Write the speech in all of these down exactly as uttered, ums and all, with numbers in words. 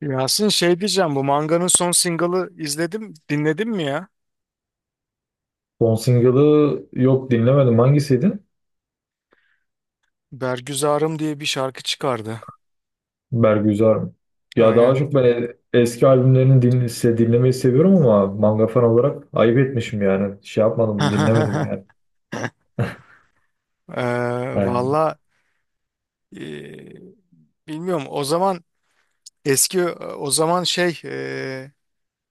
Yasin, şey diyeceğim, bu manganın son single'ı izledim dinledin mi ya? Son single'ı yok dinlemedim. Hangisiydi? Bergüzarım diye bir şarkı çıkardı. Bergüzar mı? Ya daha Aynen. çok ben e- eski albümlerini din se- dinlemeyi seviyorum ama manga fan olarak ayıp etmişim yani. Şey yapmadım, dinlemedim yani. Ee, He. valla e, bilmiyorum o zaman, eski o zaman şey e,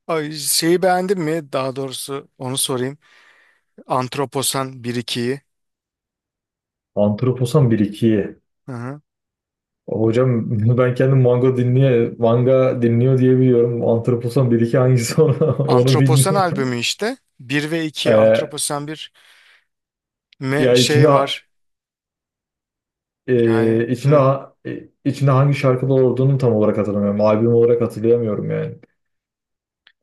ay, şeyi beğendin mi? Daha doğrusu onu sorayım. Antroposan bir ikiyi. Antroposan bir ikiyi Hı hı. hocam. Ben kendim manga dinliyor, manga dinliyor diye biliyorum. Antroposan bir iki hangisi onu, onu Antroposan bilmiyorum. albümü işte, bir ve iki. E, Antroposan bir me ya içinde şey var. e, Yani içinde hı. e, içinde hangi şarkılar olduğunu tam olarak hatırlamıyorum. Albüm olarak hatırlayamıyorum yani.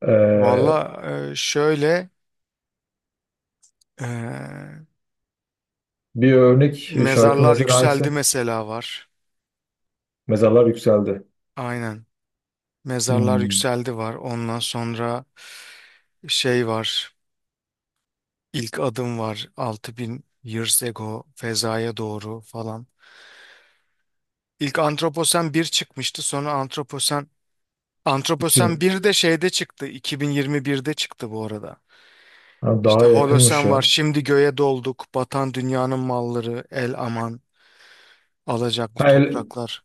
E, Valla e, şöyle e, Bir örnek e, şarkı Mezarlar mesela Yükseldi hangisi? mesela var. Mezarlar yükseldi. Aynen. Mezarlar Hmm, Yükseldi var. Ondan sonra şey var. İlk adım var. Altı bin years ago fezaya doğru falan. İlk Antroposen bir çıkmıştı. Sonra Antroposen Antroposen kim? bir de şeyde çıktı. iki bin yirmi birde çıktı bu arada. Ha, İşte daha yakınmış Holosen var. ya. Şimdi göğe dolduk. Batan dünyanın malları. El aman. Alacaklı Ha, el, topraklar.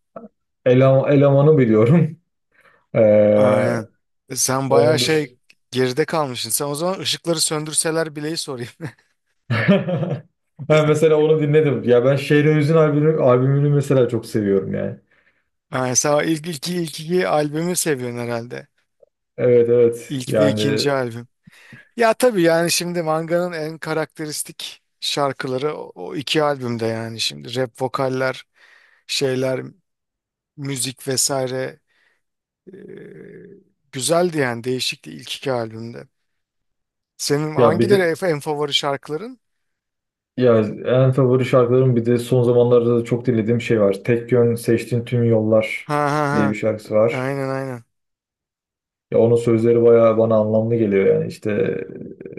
Eleman- elemanı biliyorum. Ee, Aynen. E, Sen bayağı onun şey dış. geride kalmışsın. Sen o zaman ışıkları söndürseler Bile'yi sorayım. Ha, mesela onu dinledim. Ya ben Şehrin Hüzün albümü, albümünü mesela çok seviyorum yani. Aynen. Sen o ilk iki ilk iki albümü seviyorsun herhalde. Evet, evet. İlk ve Yani ikinci albüm. Ya tabii yani, şimdi manganın en karakteristik şarkıları o, o iki albümde, yani şimdi rap vokaller, şeyler, müzik vesaire e, güzeldi yani, değişikti ilk iki albümde. Senin ya bir de hangileri en favori şarkıların? ya en favori şarkılarım bir de son zamanlarda da çok dinlediğim şey var. Tek yön seçtiğin tüm yollar Ha ha diye bir ha. şarkısı var. Aynen aynen. Ya onun sözleri bayağı bana anlamlı geliyor yani işte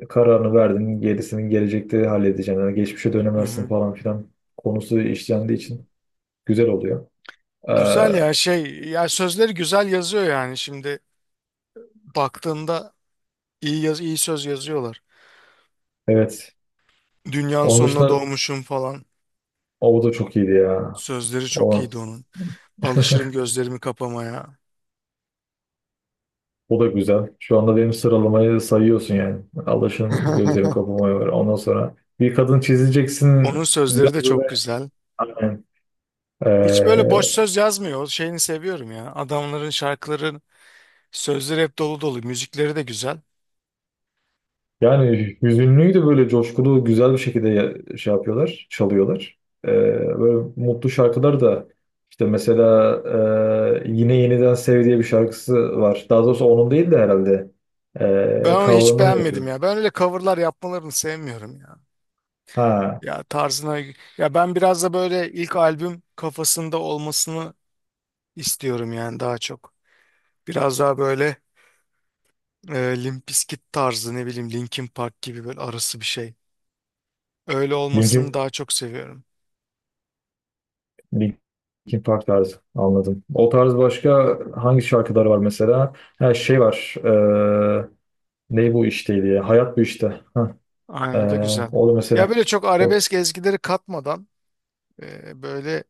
e, kararını verdin gerisini gelecekte halledeceksin. Yani geçmişe dönemezsin falan filan konusu işlendiği için güzel oluyor. Güzel ya, Ee, şey ya, sözleri güzel yazıyor yani, şimdi baktığında iyi yaz, iyi söz yazıyorlar. evet. Dünyanın Onun sonuna dışında doğmuşum falan. o da çok iyiydi ya. Sözleri çok O. iyiydi onun. Alışırım gözlerimi kapamaya. O da güzel. Şu anda benim sıralamayı sayıyorsun yani. Alışın gözlerimi kapamaya var. Ondan sonra bir kadın çizeceksin Onun sözleri de biraz çok böyle güzel. aynen. Hiç böyle Ee, boş söz yazmıyor. O şeyini seviyorum ya. Adamların şarkıların sözleri hep dolu dolu. Müzikleri de güzel. yani hüzünlüyü de böyle coşkulu güzel bir şekilde ya- şey yapıyorlar, çalıyorlar. Ee, böyle mutlu şarkılar da işte mesela e, Yine Yeniden Sev diye bir şarkısı var. Daha doğrusu onun değil de herhalde. Ben Ee, onu hiç cover'ını mı yapıyor? beğenmedim ya. Ben öyle coverlar yapmalarını sevmiyorum ya. Ha. Ya tarzına, ya ben biraz da böyle ilk albüm kafasında olmasını istiyorum yani, daha çok. Biraz daha böyle e, Limp Bizkit tarzı, ne bileyim, Linkin Park gibi böyle arası bir şey. Öyle olmasını Linkin daha çok seviyorum. Linkin Park tarzı anladım. O tarz başka hangi şarkıları var mesela? Her şey var. Ee, ne bu işteydi ya? Hayat bu işte. Hah, ee, Aynen, o da güzel. o da Ya mesela. böyle çok O, arabesk ezgileri katmadan e, böyle,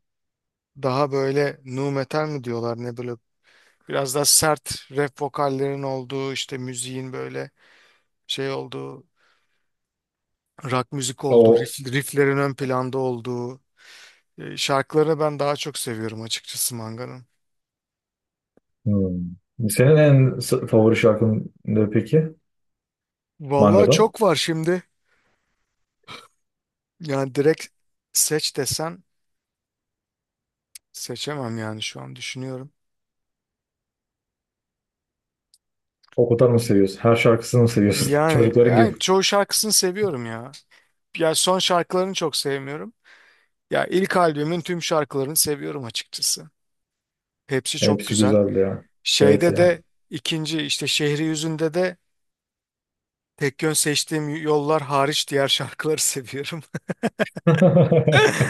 daha böyle nu metal mi diyorlar ne, böyle biraz daha sert rap vokallerin olduğu, işte müziğin böyle şey olduğu, rock müzik olduğu, o riff, rifflerin ön planda olduğu e, şarkılarını ben daha çok seviyorum açıkçası Manga'nın. hmm. Senin en s- favori şarkın ne peki? Vallahi Manga'da. çok var şimdi. Yani direkt seç desen seçemem, yani şu an düşünüyorum. O kadar mı seviyorsun? Her şarkısını mı seviyorsun? Yani, Çocukların yani gibi. çoğu şarkısını seviyorum ya. Ya son şarkılarını çok sevmiyorum. Ya ilk albümün tüm şarkılarını seviyorum açıkçası. Hepsi çok Hepsi güzel. güzeldi ya. Evet Şeyde ya. de, ikinci işte Şehri Yüzünde de tek yön seçtiğim yollar hariç diğer şarkıları seviyorum.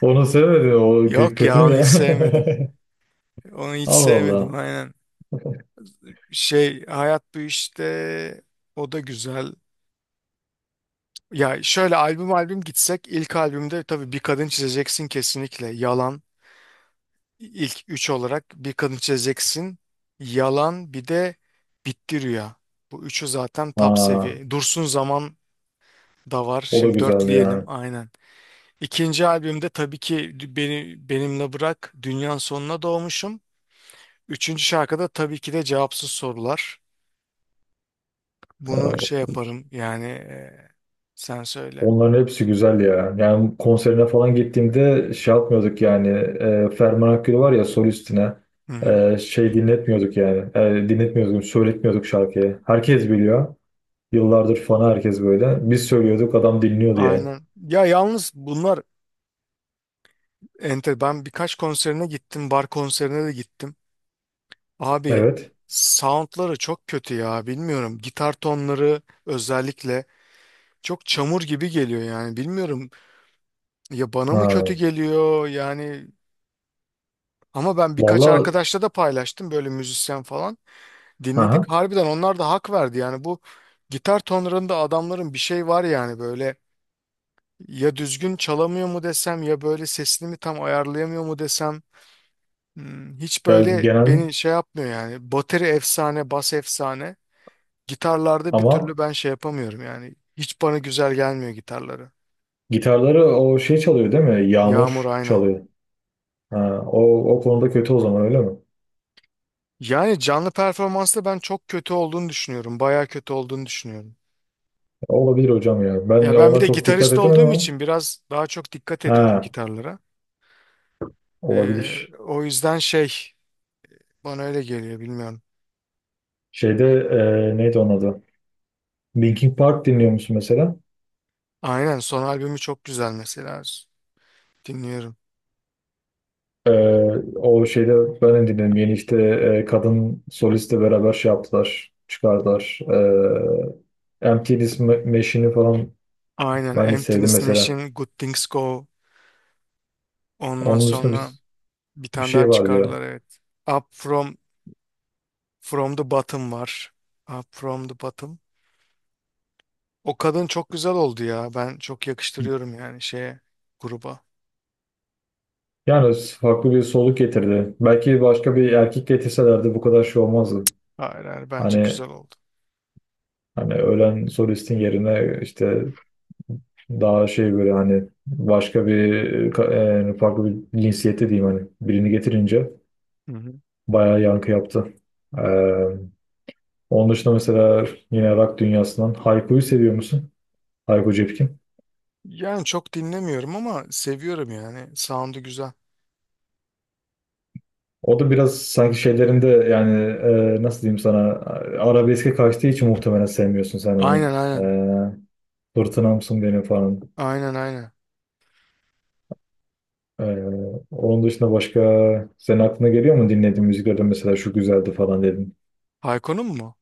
Onu sevmedi. O kö- Yok kötü ya, mü onu hiç ya? sevmedim. Onu hiç Allah sevmedim Allah. aynen. Şey Hayat Bu İşte, o da güzel. Ya şöyle albüm albüm gitsek, ilk albümde tabii Bir Kadın Çizeceksin kesinlikle. Yalan, ilk üç olarak Bir Kadın Çizeceksin. Yalan, bir de Bitti Rüya. Bu üçü zaten top Aa, seviye. Dursun Zaman da var. o da Şimdi güzeldi dörtleyelim yani. aynen. İkinci albümde tabii ki beni, Benimle Bırak, Dünyanın Sonuna Doğmuşum. Üçüncü şarkıda tabii ki de Cevapsız Sorular. Ya, Bunu şey yaparım yani, e, sen söyle. onların hepsi güzel ya. Yani konserine falan gittiğimde şey yapmıyorduk yani. E, Ferman Akgül var ya solistine. Hı hı. E, şey dinletmiyorduk yani. E, dinletmiyorduk, söyletmiyorduk şarkıyı. Herkes biliyor. Yıllardır fanı herkes böyle. Biz söylüyorduk, adam dinliyordu yani. Aynen. Ya yalnız bunlar enter. Ben birkaç konserine gittim. Bar konserine de gittim. Abi, Evet. soundları çok kötü ya. Bilmiyorum. Gitar tonları özellikle çok çamur gibi geliyor yani. Bilmiyorum ya, bana mı kötü Ha. geliyor yani. Ama ben birkaç Valla. arkadaşla da paylaştım, böyle müzisyen falan. Aha. Dinledik. Harbiden onlar da hak verdi yani, bu gitar tonlarında adamların bir şey var yani böyle. Ya düzgün çalamıyor mu desem, ya böyle sesini mi tam ayarlayamıyor mu desem, hmm, hiç Ya böyle genel beni şey yapmıyor yani. Bateri efsane, bas efsane. Gitarlarda bir ama türlü ben şey yapamıyorum yani. Hiç bana güzel gelmiyor gitarları. gitarları o şey çalıyor değil mi? Yağmur Yağmur aynen. çalıyor. Ha, o, o konuda kötü o zaman öyle mi? Yani canlı performansta ben çok kötü olduğunu düşünüyorum. Baya kötü olduğunu düşünüyorum. Olabilir hocam ya. Ben Ya de ben bir ona de çok dikkat gitarist edemedim olduğum ama. için biraz daha çok dikkat ediyorum Ha, gitarlara. Ee, olabilir. O yüzden şey, bana öyle geliyor, bilmiyorum. Şeyde e, neydi onun adı? Linkin Park dinliyor musun mesela? Aynen, son albümü çok güzel mesela. Dinliyorum. E, o şeyde ben de dinledim. Yeni işte e, kadın solistle beraber şey yaptılar. Çıkardılar. E, Empty List Ma- Machine'i falan Aynen. ben de sevdim Emptiness mesela. Machine, Good Things Go. Ondan Onun dışında sonra bir, bir bir tane daha şey vardı ya. çıkardılar evet. Up From From the Bottom var. Up From the Bottom. O kadın çok güzel oldu ya. Ben çok yakıştırıyorum yani şeye, gruba. Yani farklı bir soluk getirdi. Belki başka bir erkek getirselerdi bu kadar şey olmazdı. Hayır hayır, bence Hani güzel oldu. hani ölen solistin yerine işte daha şey böyle hani başka bir e, yani farklı bir cinsiyette diyeyim hani birini getirince Hı hı. bayağı yankı yaptı. Ee, onun dışında mesela yine rock dünyasından Hayko'yu seviyor musun? Hayko Cepkin. Yani çok dinlemiyorum ama seviyorum yani. Sound'u güzel. O da biraz sanki şeylerinde yani e, nasıl diyeyim sana arabeske kaçtığı için muhtemelen sevmiyorsun sen onu. Aynen aynen. Fırtınamsın benim falan. Aynen aynen. Ee, onun dışında başka senin aklına geliyor mu dinlediğin müziklerden mesela şu güzeldi falan dedin. Hayko'nun mu?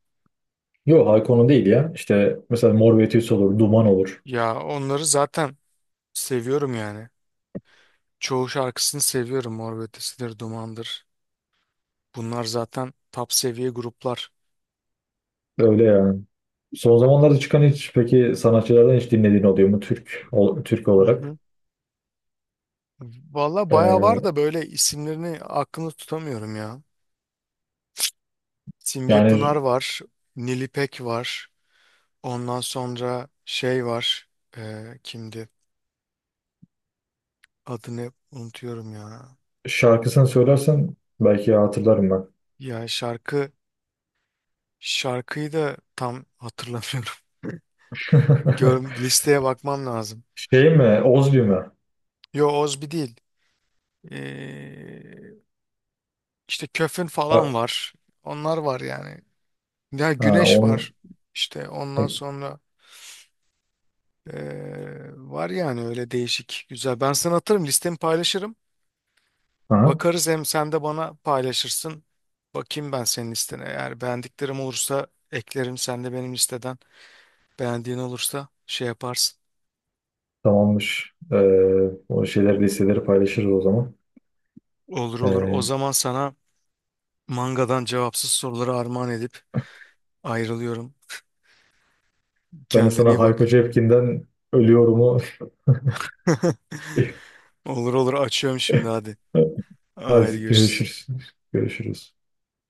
Yok Hayko'nun değil ya. İşte mesela Mor ve Ötesi olur, Duman olur. Ya onları zaten seviyorum yani. Çoğu şarkısını seviyorum. Mor ve Ötesi'dir, Duman'dır. Bunlar zaten top seviye gruplar. Öyle yani. Son zamanlarda çıkan hiç peki sanatçılardan hiç dinlediğin oluyor mu Türk ol- Türk Hı olarak? hı. Valla bayağı var Ee, da böyle isimlerini aklımda tutamıyorum ya. Simge Pınar yani var. Nilipek var. Ondan sonra şey var. Ee, kimdi? Adını unutuyorum ya. şarkısını söylersen belki hatırlarım ben. Ya şarkı şarkıyı da tam hatırlamıyorum. Gör, listeye bakmam lazım. Şey mi? Ozbi mi? Yo, Ozbi değil. Ee, işte Köfün falan Ha, var. Onlar var yani. Ya ha, güneş var, onun, işte ondan sonra eee, var yani, öyle değişik güzel. Ben sana atarım, listemi paylaşırım. ha, Bakarız, hem sen de bana paylaşırsın. Bakayım ben senin listene. Eğer beğendiklerim olursa eklerim. Sen de benim listeden beğendiğin olursa şey yaparsın. tamammış. Ee, o şeyler listeleri paylaşırız o zaman. Olur olur. O Ee, zaman sana mangadan cevapsız soruları armağan edip ayrılıyorum. ben de Kendine sana iyi Hayko bak. Cepkin'den ölüyorumu Olur olur, açıyorum şimdi, hadi. Haydi hadi görüşürüz. görüşürüz. Görüşürüz.